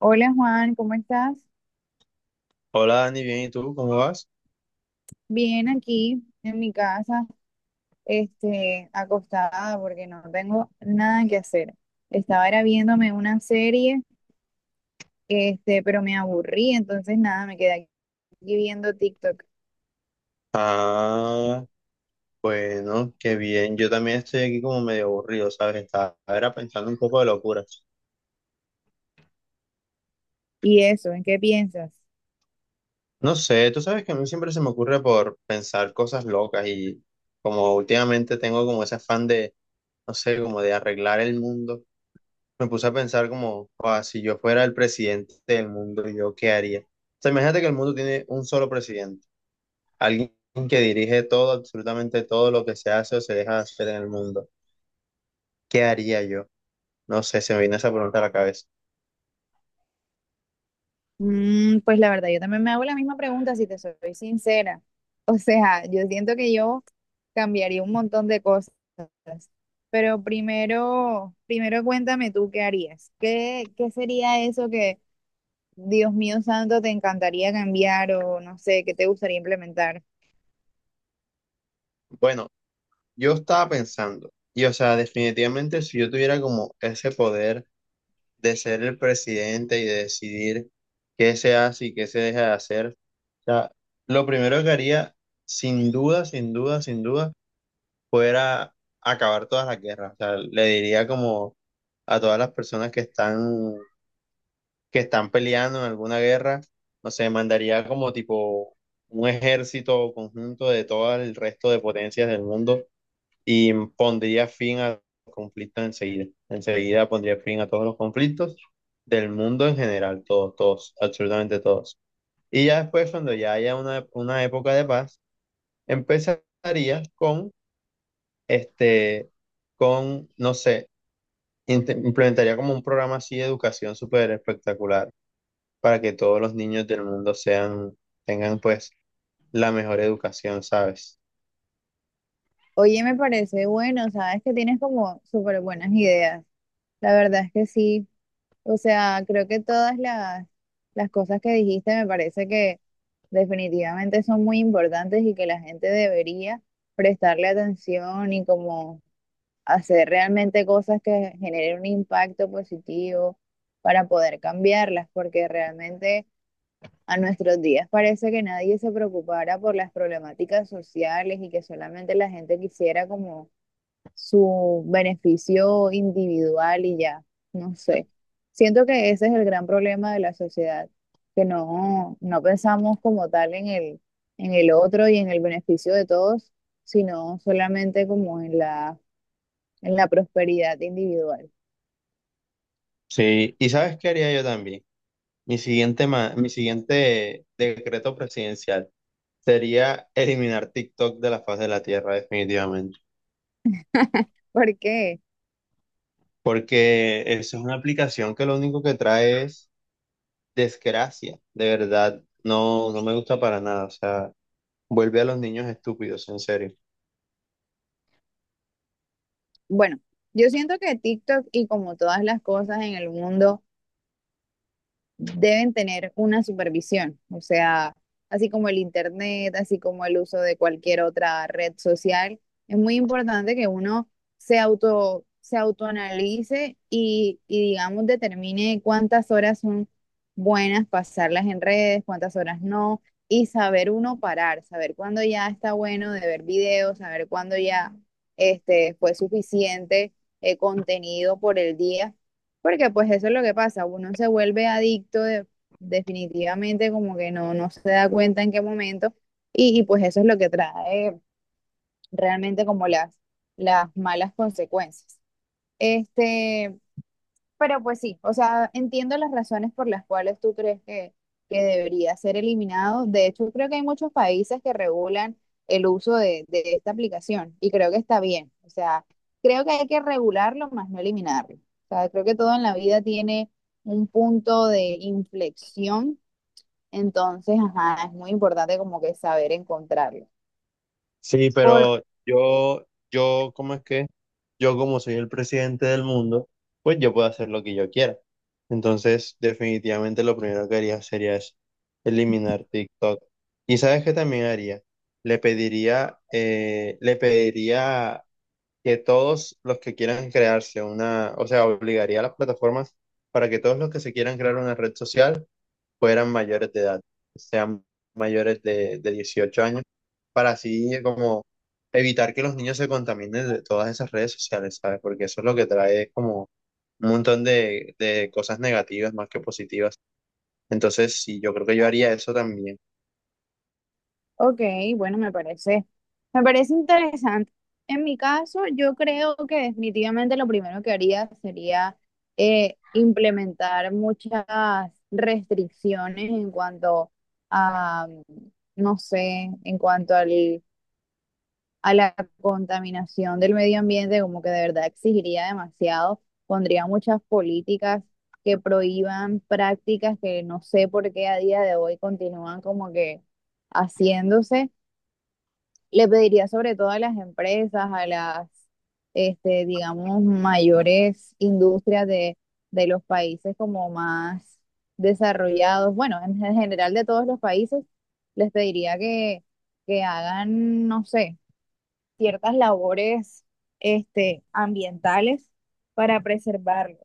Hola Juan, ¿cómo estás? Hola Dani, bien, ¿y tú cómo vas? Bien aquí en mi casa, acostada porque no tengo nada que hacer. Estaba era viéndome una serie, pero me aburrí, entonces nada, me quedé aquí viendo TikTok. Ah, bueno, qué bien. Yo también estoy aquí como medio aburrido, ¿sabes? Estaba era pensando un poco de locuras. ¿Y eso? ¿En qué piensas? No sé, tú sabes que a mí siempre se me ocurre por pensar cosas locas y como últimamente tengo como ese afán de, no sé, como de arreglar el mundo, me puse a pensar como, "Joda, si yo fuera el presidente del mundo, ¿yo qué haría? O sea, imagínate que el mundo tiene un solo presidente, alguien que dirige todo, absolutamente todo lo que se hace o se deja de hacer en el mundo. ¿Qué haría yo? No sé, se me viene esa pregunta a la cabeza. Mm, pues la verdad, yo también me hago la misma pregunta si te soy sincera. O sea, yo siento que yo cambiaría un montón de cosas. Pero primero cuéntame tú qué harías. ¿Qué sería eso que Dios mío santo, te encantaría cambiar o no sé, qué te gustaría implementar? Bueno, yo estaba pensando, y o sea, definitivamente si yo tuviera como ese poder de ser el presidente y de decidir qué se hace y qué se deja de hacer, o sea, lo primero que haría, sin duda, sin duda, sin duda, fuera acabar todas las guerras. O sea, le diría como a todas las personas que están peleando en alguna guerra, no sé, mandaría como tipo un ejército conjunto de todo el resto de potencias del mundo y pondría fin a los conflictos enseguida. Enseguida pondría fin a todos los conflictos del mundo en general, todos, todos, absolutamente todos. Y ya después, cuando ya haya una época de paz, empezaría este, con no sé, implementaría como un programa así de educación súper espectacular para que todos los niños del mundo sean, tengan pues la mejor educación, ¿sabes? Oye, me parece bueno, sabes que tienes como súper buenas ideas. La verdad es que sí. O sea, creo que las cosas que dijiste me parece que definitivamente son muy importantes y que la gente debería prestarle atención y como hacer realmente cosas que generen un impacto positivo para poder cambiarlas, porque realmente, a nuestros días parece que nadie se preocupara por las problemáticas sociales y que solamente la gente quisiera como su beneficio individual y ya, no sé. Siento que ese es el gran problema de la sociedad, que no pensamos como tal en el otro y en el beneficio de todos, sino solamente como en la prosperidad individual. Sí, y ¿sabes qué haría yo también? Mi siguiente decreto presidencial sería eliminar TikTok de la faz de la Tierra, definitivamente, Porque, porque eso es una aplicación que lo único que trae es desgracia, de verdad, no, no me gusta para nada, o sea, vuelve a los niños estúpidos, en serio. bueno, yo siento que TikTok y como todas las cosas en el mundo, deben tener una supervisión, o sea, así como el internet, así como el uso de cualquier otra red social, es muy importante que uno se autoanalice y digamos determine cuántas horas son buenas pasarlas en redes, cuántas horas no, y saber uno parar, saber cuándo ya está bueno de ver videos, saber cuándo ya fue suficiente contenido por el día, porque pues eso es lo que pasa, uno se vuelve definitivamente, como que no se da cuenta en qué momento, pues eso es lo que trae realmente como las malas consecuencias. Este, pero pues sí, o sea, entiendo las razones por las cuales tú crees que debería ser eliminado. De hecho, creo que hay muchos países que regulan el uso de esta aplicación y creo que está bien. O sea, creo que hay que regularlo más no eliminarlo. O sea, creo que todo en la vida tiene un punto de inflexión, entonces, ajá, es muy importante como que saber encontrarlo. Sí, Por, pero yo, ¿cómo es que? Yo como soy el presidente del mundo, pues yo puedo hacer lo que yo quiera. Entonces, definitivamente lo primero que haría sería es eliminar TikTok. ¿Y sabes qué también haría? Le pediría que todos los que quieran crearse una, o sea, obligaría a las plataformas para que todos los que se quieran crear una red social fueran mayores de edad, sean mayores de 18 años, para así como evitar que los niños se contaminen de todas esas redes sociales, ¿sabes? Porque eso es lo que trae como un montón de cosas negativas más que positivas. Entonces, sí, yo creo que yo haría eso también. Ok, bueno, me parece interesante. En mi caso, yo creo que definitivamente lo primero que haría sería implementar muchas restricciones en cuanto a, no sé, a la contaminación del medio ambiente, como que de verdad exigiría demasiado. Pondría muchas políticas que prohíban prácticas que no sé por qué a día de hoy continúan como que haciéndose. Le pediría sobre todo a las empresas, digamos, mayores industrias de los países como más desarrollados, bueno, en general de todos los países, les pediría que hagan, no sé, ciertas labores, ambientales para preservarlo.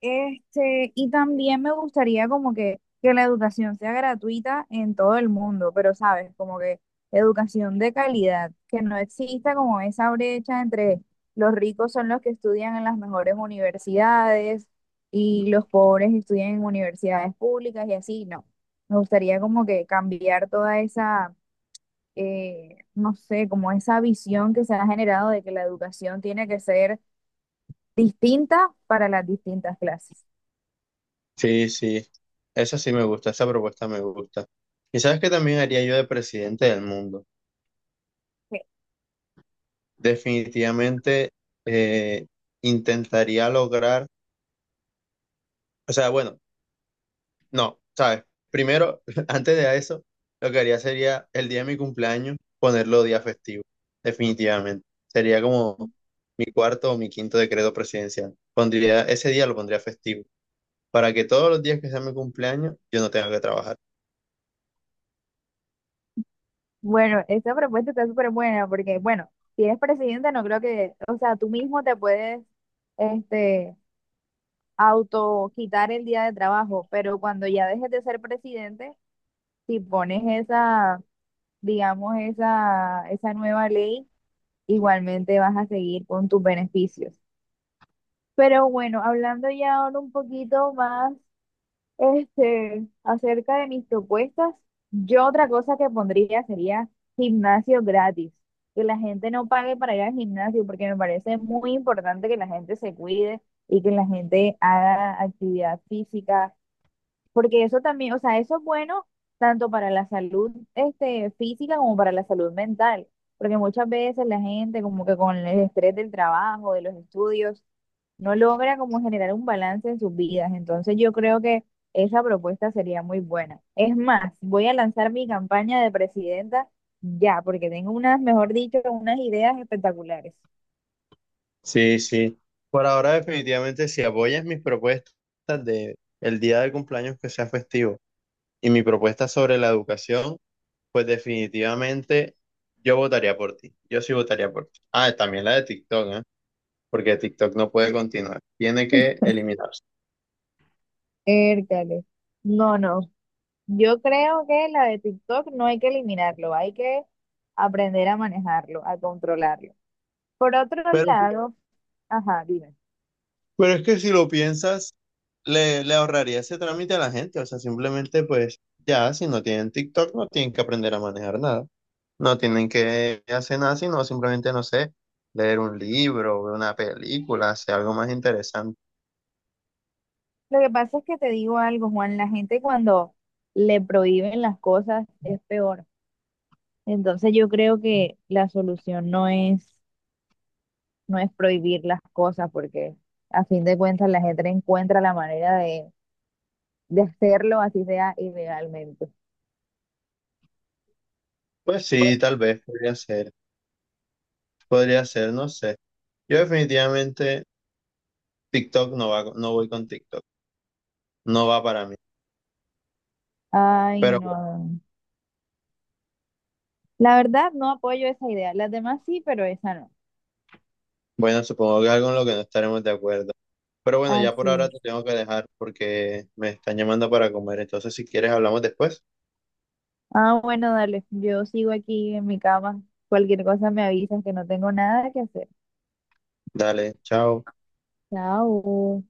Y también me gustaría como que la educación sea gratuita en todo el mundo, pero sabes, como que educación de calidad, que no exista como esa brecha entre los ricos son los que estudian en las mejores universidades y los pobres estudian en universidades públicas y así, no. Me gustaría como que cambiar toda no sé, como esa visión que se ha generado de que la educación tiene que ser distinta para las distintas clases. Sí, sí, esa sí me gusta, esa propuesta me gusta. ¿Y sabes qué también haría yo de presidente del mundo? Definitivamente eh, intentaría lograr, o sea, bueno, no, ¿sabes? Primero, antes de eso, lo que haría sería el día de mi cumpleaños ponerlo día festivo, definitivamente. Sería como mi cuarto o mi quinto decreto presidencial. Pondría, ese día lo pondría festivo, para que todos los días que sea mi cumpleaños yo no tenga que trabajar. Bueno, esta propuesta está súper buena porque, bueno, si eres presidente, no creo que, o sea, tú mismo te puedes, este, auto quitar el día de trabajo, pero cuando ya dejes de ser presidente, si pones esa nueva ley, igualmente vas a seguir con tus beneficios. Pero bueno, hablando ya ahora un poquito más acerca de mis propuestas, yo otra cosa que pondría sería gimnasio gratis, que la gente no pague para ir al gimnasio, porque me parece muy importante que la gente se cuide y que la gente haga actividad física, porque eso también, o sea, eso es bueno tanto para la salud, física como para la salud mental, porque muchas veces la gente como que con el estrés del trabajo, de los estudios, no logra como generar un balance en sus vidas. Entonces yo creo que esa propuesta sería muy buena. Es más, voy a lanzar mi campaña de presidenta ya, porque tengo unas, mejor dicho, unas ideas espectaculares. Sí, sí. Por ahora, definitivamente, si apoyas mis propuestas de el día de cumpleaños que sea festivo y mi propuesta sobre la educación, pues definitivamente yo votaría por ti. Yo sí votaría por ti. Ah, también la de TikTok, ¿eh? Porque TikTok no puede continuar, tiene que eliminarse. Ércale. No, no. Yo creo que la de TikTok no hay que eliminarlo, hay que aprender a manejarlo, a controlarlo. Por otro Pero, lado, ajá, dime. pero es que si lo piensas, le ahorraría ese trámite a la gente, o sea, simplemente pues ya, si no tienen TikTok, no tienen que aprender a manejar nada, no tienen que hacer nada, sino simplemente, no sé, leer un libro, ver una película, hacer algo más interesante. Lo que pasa es que te digo algo, Juan, la gente cuando le prohíben las cosas es peor. Entonces yo creo que la solución no es, no es prohibir las cosas, porque a fin de cuentas la gente encuentra la manera de hacerlo, así sea ilegalmente. Pues sí, tal vez podría ser, no sé. Yo definitivamente TikTok no va, no voy con TikTok, no va para mí, Ay, pero no. La verdad no apoyo esa idea. Las demás sí, pero esa no. bueno, supongo que algo en lo que no estaremos de acuerdo. Pero bueno, ya Así por ahora es. te tengo que dejar porque me están llamando para comer. Entonces, si quieres, hablamos después. Ah, bueno, dale. Yo sigo aquí en mi cama. Cualquier cosa me avisas que no tengo nada que hacer. Dale, chao. Chao.